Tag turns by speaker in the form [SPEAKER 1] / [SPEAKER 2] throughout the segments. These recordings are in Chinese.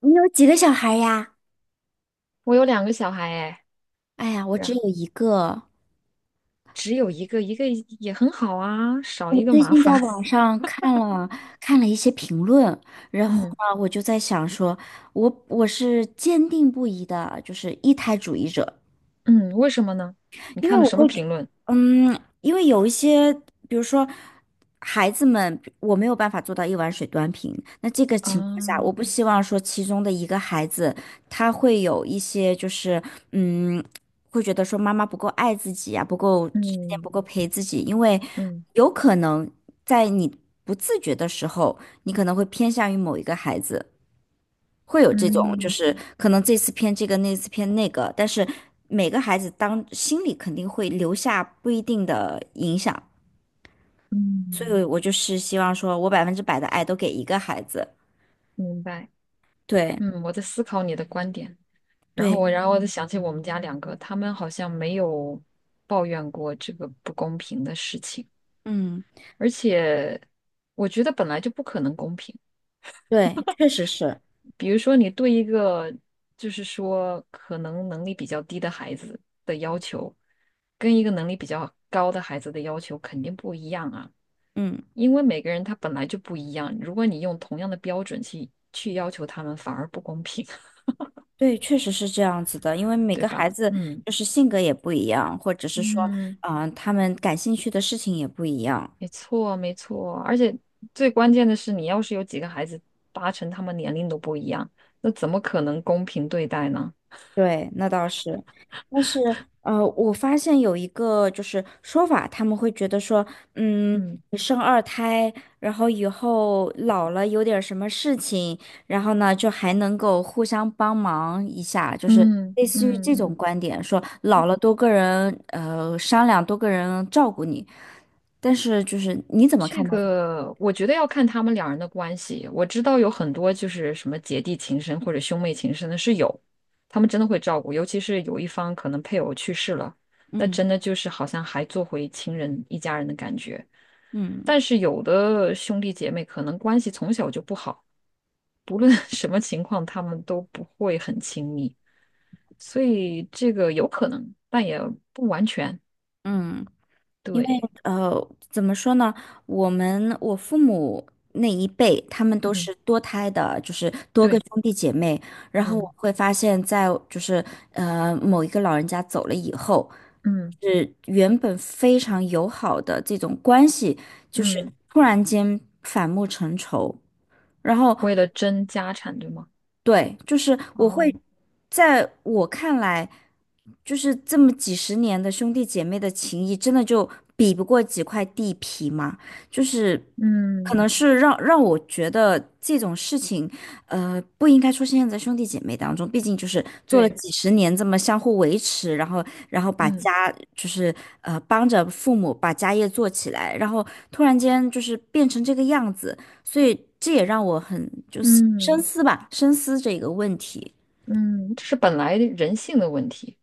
[SPEAKER 1] 你有几个小孩呀？
[SPEAKER 2] 我有两个小孩哎，
[SPEAKER 1] 哎呀，我只
[SPEAKER 2] 然
[SPEAKER 1] 有一个。
[SPEAKER 2] 只有一个，一个也很好啊，少
[SPEAKER 1] 我
[SPEAKER 2] 一个
[SPEAKER 1] 最
[SPEAKER 2] 麻
[SPEAKER 1] 近
[SPEAKER 2] 烦。
[SPEAKER 1] 在 网上看了一些评论，然后
[SPEAKER 2] 嗯
[SPEAKER 1] 呢，我就在想说，我是坚定不移的，就是一胎主义者。
[SPEAKER 2] 嗯，为什么呢？你
[SPEAKER 1] 因为
[SPEAKER 2] 看了
[SPEAKER 1] 我
[SPEAKER 2] 什么
[SPEAKER 1] 会觉，
[SPEAKER 2] 评论
[SPEAKER 1] 因为有一些，比如说孩子们，我没有办法做到一碗水端平。那这个情况下，我
[SPEAKER 2] 啊？
[SPEAKER 1] 不希望说其中的一个孩子他会有一些就是，嗯，会觉得说妈妈不够爱自己啊，不够时间不
[SPEAKER 2] 嗯
[SPEAKER 1] 够陪自己，因为
[SPEAKER 2] 嗯
[SPEAKER 1] 有可能在你不自觉的时候，你可能会偏向于某一个孩子。会有这种，就
[SPEAKER 2] 嗯
[SPEAKER 1] 是可能这次偏这个，那次偏那个，但是每个孩子当心里肯定会留下不一定的影响，所
[SPEAKER 2] 嗯，
[SPEAKER 1] 以我就是希望说我百分之百的爱都给一个孩子。
[SPEAKER 2] 明白。
[SPEAKER 1] 对
[SPEAKER 2] 嗯，我在思考你的观点，然后
[SPEAKER 1] 对，
[SPEAKER 2] 我然后我就想起我们家两个，他们好像没有抱怨过这个不公平的事情，
[SPEAKER 1] 嗯，
[SPEAKER 2] 而且我觉得本来就不可能公平。
[SPEAKER 1] 对，确实是，
[SPEAKER 2] 比如说，你对一个就是说可能能力比较低的孩子的要求，跟一个能力比较高的孩子的要求肯定不一样啊，
[SPEAKER 1] 嗯，
[SPEAKER 2] 因为每个人他本来就不一样。如果你用同样的标准去要求他们，反而不公平，
[SPEAKER 1] 对，确实是这样子的，因为每
[SPEAKER 2] 对
[SPEAKER 1] 个孩
[SPEAKER 2] 吧？
[SPEAKER 1] 子
[SPEAKER 2] 嗯
[SPEAKER 1] 就是性格也不一样，或者是说，
[SPEAKER 2] 嗯，
[SPEAKER 1] 他们感兴趣的事情也不一样。
[SPEAKER 2] 没错没错。而且最关键的是，你要是有几个孩子，八成他们年龄都不一样，那怎么可能公平对待呢？
[SPEAKER 1] 对，那倒是，但是我发现有一个就是说法，他们会觉得说，
[SPEAKER 2] 嗯
[SPEAKER 1] 你生二胎，然后以后老了有点什么事情，然后呢就还能够互相帮忙一下，就是
[SPEAKER 2] 嗯
[SPEAKER 1] 类似于
[SPEAKER 2] 嗯
[SPEAKER 1] 这种
[SPEAKER 2] 嗯。
[SPEAKER 1] 观点，说老了多个人商量，多个人照顾你。但是就是你怎么
[SPEAKER 2] 这
[SPEAKER 1] 看待？
[SPEAKER 2] 个我觉得要看他们两人的关系。我知道有很多就是什么姐弟情深或者兄妹情深的是有，他们真的会照顾，尤其是有一方可能配偶去世了，那
[SPEAKER 1] 嗯
[SPEAKER 2] 真的就是好像还做回亲人一家人的感觉。
[SPEAKER 1] 嗯
[SPEAKER 2] 但是有的兄弟姐妹可能关系从小就不好，不论 什么情况，他们都不会很亲密，所以这个有可能，但也不完全。
[SPEAKER 1] 嗯。因为
[SPEAKER 2] 对，
[SPEAKER 1] 怎么说呢？我父母那一辈，他们都
[SPEAKER 2] 嗯，
[SPEAKER 1] 是多胎的，就是多个
[SPEAKER 2] 对，
[SPEAKER 1] 兄弟姐妹。然后
[SPEAKER 2] 嗯
[SPEAKER 1] 我会发现在，就是某一个老人家走了以后，
[SPEAKER 2] 嗯
[SPEAKER 1] 是原本非常友好的这种关系，就是
[SPEAKER 2] 嗯。
[SPEAKER 1] 突然间反目成仇。然后
[SPEAKER 2] 为了争家产，对吗？
[SPEAKER 1] 对，就是我会，
[SPEAKER 2] 哦，
[SPEAKER 1] 在我看来，就是这么几十年的兄弟姐妹的情谊，真的就比不过几块地皮嘛？就是可能
[SPEAKER 2] 嗯，
[SPEAKER 1] 是让我觉得这种事情，不应该出现在兄弟姐妹当中。毕竟就是做了
[SPEAKER 2] 对，
[SPEAKER 1] 几十年这么相互维持，然后把
[SPEAKER 2] 嗯
[SPEAKER 1] 家就是帮着父母把家业做起来，然后突然间就是变成这个样子，所以这也让我很就是。深
[SPEAKER 2] 嗯
[SPEAKER 1] 思吧，深思这个问题。
[SPEAKER 2] 嗯，这是本来人性的问题，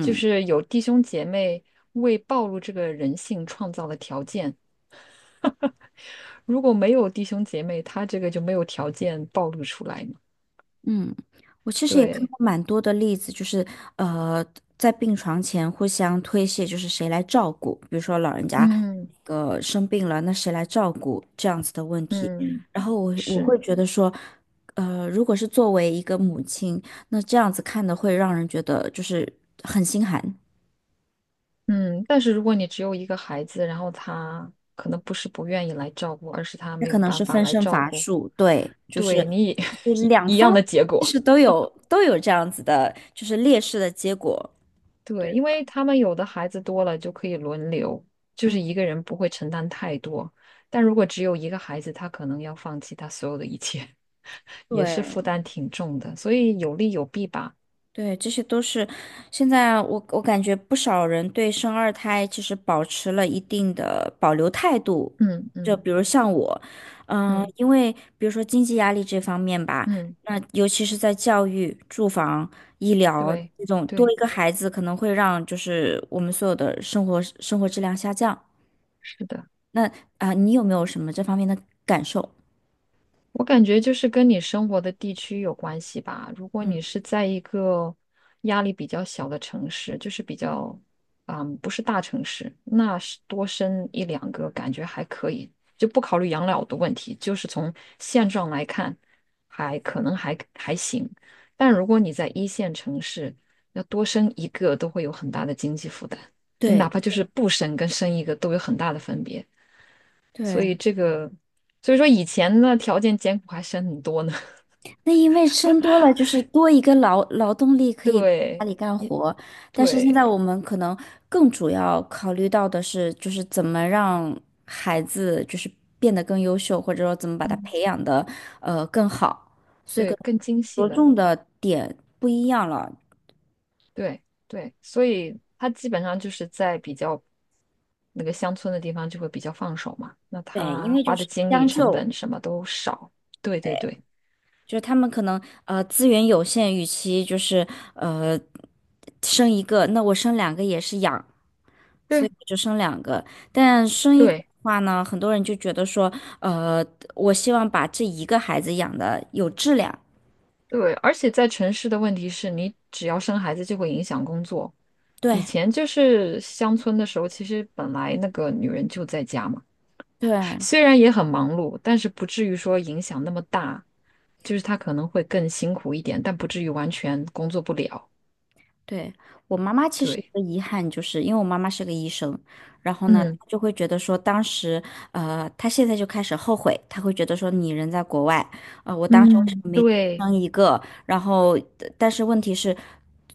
[SPEAKER 2] 就是有弟兄姐妹为暴露这个人性创造了条件，如果没有弟兄姐妹，他这个就没有条件暴露出来嘛。
[SPEAKER 1] 嗯，我其实也看
[SPEAKER 2] 对，
[SPEAKER 1] 过蛮多的例子，就是呃，在病床前互相推卸，就是谁来照顾，比如说老人家
[SPEAKER 2] 嗯
[SPEAKER 1] 那个生病了，那谁来照顾这样子的问题。
[SPEAKER 2] 嗯，
[SPEAKER 1] 然后我
[SPEAKER 2] 是，
[SPEAKER 1] 会觉得说，如果是作为一个母亲，那这样子看的会让人觉得就是很心寒。
[SPEAKER 2] 嗯，但是如果你只有一个孩子，然后他可能不是不愿意来照顾，而是他
[SPEAKER 1] 那
[SPEAKER 2] 没
[SPEAKER 1] 可
[SPEAKER 2] 有
[SPEAKER 1] 能
[SPEAKER 2] 办
[SPEAKER 1] 是
[SPEAKER 2] 法
[SPEAKER 1] 分
[SPEAKER 2] 来
[SPEAKER 1] 身
[SPEAKER 2] 照
[SPEAKER 1] 乏
[SPEAKER 2] 顾，
[SPEAKER 1] 术，对，就是
[SPEAKER 2] 对你也
[SPEAKER 1] 就 是
[SPEAKER 2] 一
[SPEAKER 1] 两
[SPEAKER 2] 一
[SPEAKER 1] 方
[SPEAKER 2] 样的结
[SPEAKER 1] 其
[SPEAKER 2] 果。
[SPEAKER 1] 实都有这样子的，就是劣势的结果。
[SPEAKER 2] 对，因为他们有的孩子多了就可以轮流，就是
[SPEAKER 1] 嗯，
[SPEAKER 2] 一个人不会承担太多。但如果只有一个孩子，他可能要放弃他所有的一切，也是负
[SPEAKER 1] 对
[SPEAKER 2] 担挺重的。所以有利有弊吧。
[SPEAKER 1] 对，这些都是现在我感觉不少人对生二胎其实保持了一定的保留态度，
[SPEAKER 2] 嗯
[SPEAKER 1] 就
[SPEAKER 2] 嗯
[SPEAKER 1] 比如像我，
[SPEAKER 2] 嗯
[SPEAKER 1] 因为比如说经济压力这方面吧，
[SPEAKER 2] 嗯，
[SPEAKER 1] 那尤其是在教育、住房、医疗
[SPEAKER 2] 对
[SPEAKER 1] 这种多
[SPEAKER 2] 对，
[SPEAKER 1] 一个孩子可能会让就是我们所有的生活质量下降。
[SPEAKER 2] 是的。
[SPEAKER 1] 那啊，你有没有什么这方面的感受？
[SPEAKER 2] 我感觉就是跟你生活的地区有关系吧。如果你是在一个压力比较小的城市，就是比较，嗯，不是大城市，那是多生一两个感觉还可以，就不考虑养老的问题，就是从现状来看，还可能还还行。但如果你在一线城市，要多生一个都会有很大的经济负担，你哪
[SPEAKER 1] 对
[SPEAKER 2] 怕就是不生跟生一个都有很大的分别。所
[SPEAKER 1] 对，
[SPEAKER 2] 以这个，所以说以前呢条件艰苦还省很多呢。
[SPEAKER 1] 那因为生多了就是多一个劳动力可以家
[SPEAKER 2] 对
[SPEAKER 1] 里干活，但是现在
[SPEAKER 2] 对
[SPEAKER 1] 我们可能更主要考虑到的是，就是怎么让孩子就是变得更优秀，或者说怎么把他
[SPEAKER 2] 嗯
[SPEAKER 1] 培养的更好，所以可
[SPEAKER 2] 对，
[SPEAKER 1] 能
[SPEAKER 2] 更精细
[SPEAKER 1] 着
[SPEAKER 2] 了。
[SPEAKER 1] 重的点不一样了。
[SPEAKER 2] 对对，所以他基本上就是在比较那个乡村的地方就会比较放手嘛，那
[SPEAKER 1] 对，因
[SPEAKER 2] 他
[SPEAKER 1] 为就
[SPEAKER 2] 花的
[SPEAKER 1] 是
[SPEAKER 2] 精力
[SPEAKER 1] 将
[SPEAKER 2] 成
[SPEAKER 1] 就。
[SPEAKER 2] 本什么都少。对对对
[SPEAKER 1] 就是他们可能资源有限，与其就是呃生一个，那我生两个也是养，所以
[SPEAKER 2] 对
[SPEAKER 1] 我就生两个。但生一个的
[SPEAKER 2] 对
[SPEAKER 1] 话呢，很多人就觉得说，呃，我希望把这一个孩子养的有质量。
[SPEAKER 2] 对，而且在城市的问题是你只要生孩子就会影响工作。以
[SPEAKER 1] 对
[SPEAKER 2] 前就是乡村的时候，其实本来那个女人就在家嘛。
[SPEAKER 1] 对，
[SPEAKER 2] 虽然也很忙碌，但是不至于说影响那么大，就是他可能会更辛苦一点，但不至于完全工作不了。
[SPEAKER 1] 对，我妈妈其实一
[SPEAKER 2] 对，
[SPEAKER 1] 个遗憾，就是因为我妈妈是个医生，然后呢，
[SPEAKER 2] 嗯
[SPEAKER 1] 她就会觉得说，当时，她现在就开始后悔，她会觉得说，你人在国外，我当时为什
[SPEAKER 2] 嗯，
[SPEAKER 1] 么没多
[SPEAKER 2] 对，
[SPEAKER 1] 生一个？然后，但是问题是，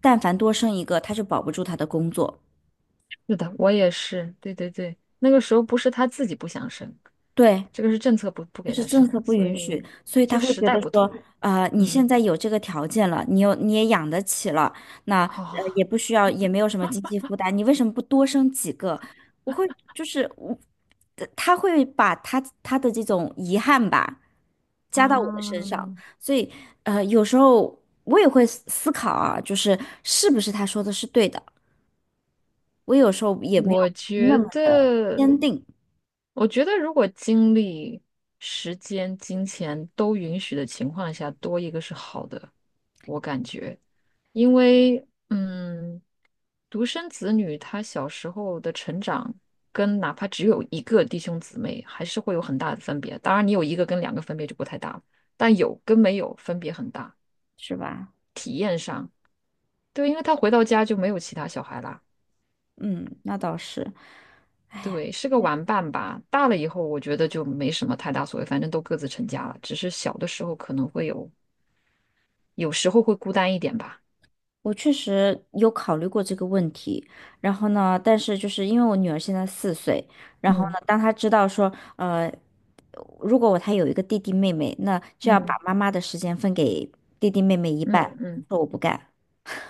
[SPEAKER 1] 但凡多生一个，她就保不住她的工作。
[SPEAKER 2] 是的，我也是，对对对，那个时候不是他自己不想生，
[SPEAKER 1] 对，
[SPEAKER 2] 这个是政策不
[SPEAKER 1] 就
[SPEAKER 2] 给
[SPEAKER 1] 是
[SPEAKER 2] 他
[SPEAKER 1] 政
[SPEAKER 2] 生，
[SPEAKER 1] 策不
[SPEAKER 2] 所
[SPEAKER 1] 允许，
[SPEAKER 2] 以
[SPEAKER 1] 所以
[SPEAKER 2] 就
[SPEAKER 1] 他会
[SPEAKER 2] 时
[SPEAKER 1] 觉
[SPEAKER 2] 代
[SPEAKER 1] 得
[SPEAKER 2] 不
[SPEAKER 1] 说，
[SPEAKER 2] 同，
[SPEAKER 1] 你
[SPEAKER 2] 嗯，
[SPEAKER 1] 现在有这个条件了，你也养得起了，那
[SPEAKER 2] 好
[SPEAKER 1] 也不需要，也没有什么经济负担，你为什么不多生几个？我会就是我，他会把他的这种遗憾吧，
[SPEAKER 2] 啊，
[SPEAKER 1] 加到我的身上，所以有时候我也会思考啊，就是是不是他说的是对的，我有时候也没
[SPEAKER 2] 我
[SPEAKER 1] 有那
[SPEAKER 2] 觉
[SPEAKER 1] 么的
[SPEAKER 2] 得，
[SPEAKER 1] 坚定，
[SPEAKER 2] 我觉得如果精力、时间、金钱都允许的情况下，多一个是好的，我感觉，因为嗯，独生子女他小时候的成长，跟哪怕只有一个弟兄姊妹，还是会有很大的分别。当然，你有一个跟两个分别就不太大了，但有跟没有分别很大。
[SPEAKER 1] 是吧？
[SPEAKER 2] 对，因为他回到家就没有其他小孩啦。
[SPEAKER 1] 嗯，那倒是。
[SPEAKER 2] 对，是个玩伴吧。大了以后，我觉得就没什么太大所谓，反正都各自成家了。只是小的时候可能会有，有时候会孤单一点吧。
[SPEAKER 1] 我确实有考虑过这个问题，然后呢，但是就是因为我女儿现在四岁，然后
[SPEAKER 2] 嗯
[SPEAKER 1] 呢，当她知道说，如果她有一个弟弟妹妹，那就要
[SPEAKER 2] 嗯
[SPEAKER 1] 把妈妈的时间分给弟弟妹妹一
[SPEAKER 2] 嗯
[SPEAKER 1] 半，
[SPEAKER 2] 嗯
[SPEAKER 1] 说我不干。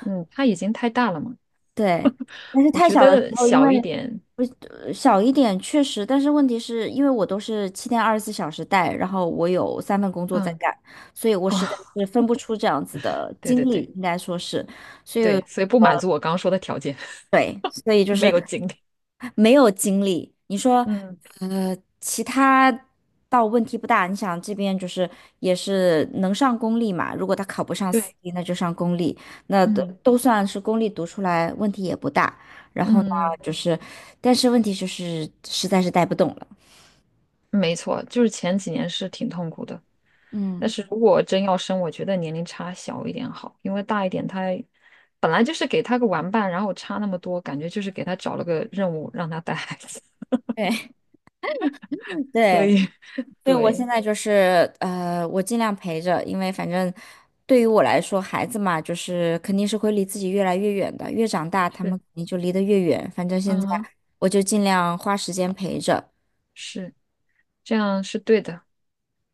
[SPEAKER 2] 嗯，他已经太大了嘛，
[SPEAKER 1] 对，但是
[SPEAKER 2] 我
[SPEAKER 1] 太
[SPEAKER 2] 觉
[SPEAKER 1] 小的时
[SPEAKER 2] 得
[SPEAKER 1] 候，因为
[SPEAKER 2] 小一点，
[SPEAKER 1] 小一点确实，但是问题是因为我都是七天二十四小时带，然后我有三份工作在
[SPEAKER 2] 嗯，
[SPEAKER 1] 干，所以我
[SPEAKER 2] 哦，
[SPEAKER 1] 实在 是分不出这样子的
[SPEAKER 2] 对对
[SPEAKER 1] 精
[SPEAKER 2] 对
[SPEAKER 1] 力，应该说是。
[SPEAKER 2] 对，所以不满足我刚刚说的条件，
[SPEAKER 1] 对，所以就
[SPEAKER 2] 没
[SPEAKER 1] 是
[SPEAKER 2] 有经历。
[SPEAKER 1] 没有精力。你说，
[SPEAKER 2] 嗯，
[SPEAKER 1] 其他倒问题不大。你想这边就是也是能上公立嘛，如果他考不上私
[SPEAKER 2] 对，
[SPEAKER 1] 立，那就上公立，那都
[SPEAKER 2] 嗯
[SPEAKER 1] 都算是公立读出来，问题也不大。然后呢，
[SPEAKER 2] 嗯，
[SPEAKER 1] 就是，但是问题就是实在是带不动了。
[SPEAKER 2] 没错，就是前几年是挺痛苦的。但
[SPEAKER 1] 嗯，
[SPEAKER 2] 是如果真要生，我觉得年龄差小一点好，因为大一点他本来就是给他个玩伴，然后差那么多，感觉就是给他找了个任务让他带孩子，
[SPEAKER 1] 对
[SPEAKER 2] 所
[SPEAKER 1] 对。
[SPEAKER 2] 以
[SPEAKER 1] 对，我现
[SPEAKER 2] 对，
[SPEAKER 1] 在就是我尽量陪着，因为反正对于我来说，孩子嘛，就是肯定是会离自己越来越远的，越长大，他们
[SPEAKER 2] 是，
[SPEAKER 1] 肯定就离得越远。反正现
[SPEAKER 2] 嗯
[SPEAKER 1] 在
[SPEAKER 2] 哼，
[SPEAKER 1] 我就尽量花时间陪着，
[SPEAKER 2] 是这样是对的，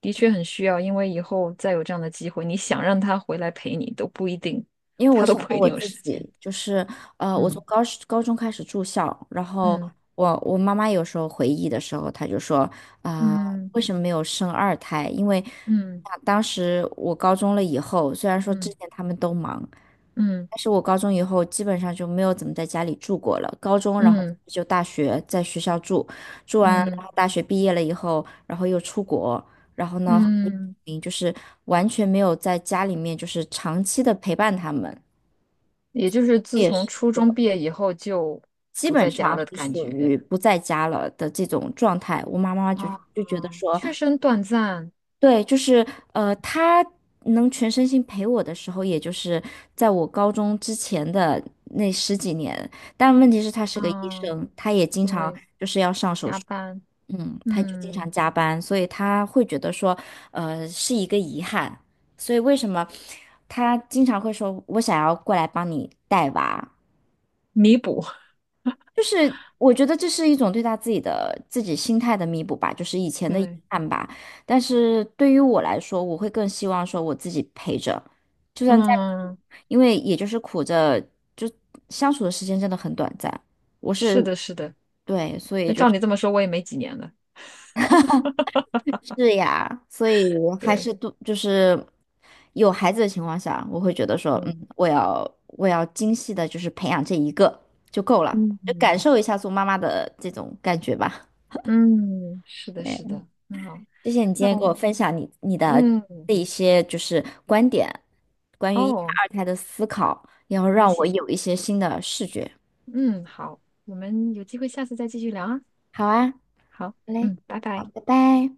[SPEAKER 2] 的确很需要，因为以后再有这样的机会，你想让他回来陪你都不一定，
[SPEAKER 1] 因为我
[SPEAKER 2] 他都
[SPEAKER 1] 想
[SPEAKER 2] 不
[SPEAKER 1] 到
[SPEAKER 2] 一
[SPEAKER 1] 我
[SPEAKER 2] 定有
[SPEAKER 1] 自
[SPEAKER 2] 时间。
[SPEAKER 1] 己，就是我从
[SPEAKER 2] 嗯
[SPEAKER 1] 高中开始住校，然后
[SPEAKER 2] 嗯
[SPEAKER 1] 我妈妈有时候回忆的时候，她就说啊、
[SPEAKER 2] 嗯
[SPEAKER 1] 为什么没有生二胎？因为
[SPEAKER 2] 嗯
[SPEAKER 1] 啊当时我高中了以后，虽然说之
[SPEAKER 2] 嗯
[SPEAKER 1] 前他们都忙，
[SPEAKER 2] 嗯
[SPEAKER 1] 但是我高中以后基本上就没有怎么在家里住过了。高中，然后
[SPEAKER 2] 嗯
[SPEAKER 1] 就大学在学校住，住完然
[SPEAKER 2] 嗯嗯。
[SPEAKER 1] 后大学毕业了以后，然后又出国。然后呢，
[SPEAKER 2] 嗯
[SPEAKER 1] 就是完全没有在家里面就是长期的陪伴他们，
[SPEAKER 2] 也就是自
[SPEAKER 1] 也
[SPEAKER 2] 从
[SPEAKER 1] 是
[SPEAKER 2] 初中毕业以后就
[SPEAKER 1] 基
[SPEAKER 2] 不
[SPEAKER 1] 本
[SPEAKER 2] 在家
[SPEAKER 1] 上
[SPEAKER 2] 了的
[SPEAKER 1] 是
[SPEAKER 2] 感
[SPEAKER 1] 属
[SPEAKER 2] 觉
[SPEAKER 1] 于不在家了的这种状态。我妈妈就
[SPEAKER 2] 啊，
[SPEAKER 1] 就觉得说，
[SPEAKER 2] 确实很短暂
[SPEAKER 1] 对，就是她能全身心陪我的时候，也就是在我高中之前的那十几年。但问题是，她是个医
[SPEAKER 2] 啊，
[SPEAKER 1] 生，她也经常
[SPEAKER 2] 对，加班，
[SPEAKER 1] 嗯，他就经
[SPEAKER 2] 嗯，
[SPEAKER 1] 常加班，所以他会觉得说，是一个遗憾。所以为什么他经常会说，我想要过来帮你带娃，
[SPEAKER 2] 弥补，
[SPEAKER 1] 就是我觉得这是一种对他自己的心态的弥补吧，就是以 前的遗
[SPEAKER 2] 对，
[SPEAKER 1] 憾吧。但是对于我来说，我会更希望说我自己陪着，就算再苦，
[SPEAKER 2] 嗯，
[SPEAKER 1] 因为也就是苦着，就相处的时间真的很短暂。我是，
[SPEAKER 2] 是的，是的，
[SPEAKER 1] 对，所以
[SPEAKER 2] 那
[SPEAKER 1] 就
[SPEAKER 2] 照
[SPEAKER 1] 是。
[SPEAKER 2] 你这么说，我也没几年了，
[SPEAKER 1] 是呀，所以还是
[SPEAKER 2] 对，
[SPEAKER 1] 都就是有孩子的情况下，我会觉得说，
[SPEAKER 2] 嗯
[SPEAKER 1] 我要精细的，就是培养这一个就够了，
[SPEAKER 2] 嗯，
[SPEAKER 1] 就感
[SPEAKER 2] 嗯
[SPEAKER 1] 受一下做妈妈的这种感觉吧。
[SPEAKER 2] 嗯，是的，是
[SPEAKER 1] 对，
[SPEAKER 2] 的，很好，
[SPEAKER 1] 谢谢你今
[SPEAKER 2] 那
[SPEAKER 1] 天给我
[SPEAKER 2] 我，
[SPEAKER 1] 分享你的
[SPEAKER 2] 嗯，
[SPEAKER 1] 这一些就是观点，关于一胎
[SPEAKER 2] 哦，
[SPEAKER 1] 二胎的思考，然后
[SPEAKER 2] 对不
[SPEAKER 1] 让我
[SPEAKER 2] 起，
[SPEAKER 1] 有一些新的视觉。
[SPEAKER 2] 嗯，好，我们有机会下次再继续聊啊，
[SPEAKER 1] 好啊，好
[SPEAKER 2] 好，
[SPEAKER 1] 嘞，
[SPEAKER 2] 嗯，拜
[SPEAKER 1] 好，
[SPEAKER 2] 拜。
[SPEAKER 1] 拜拜。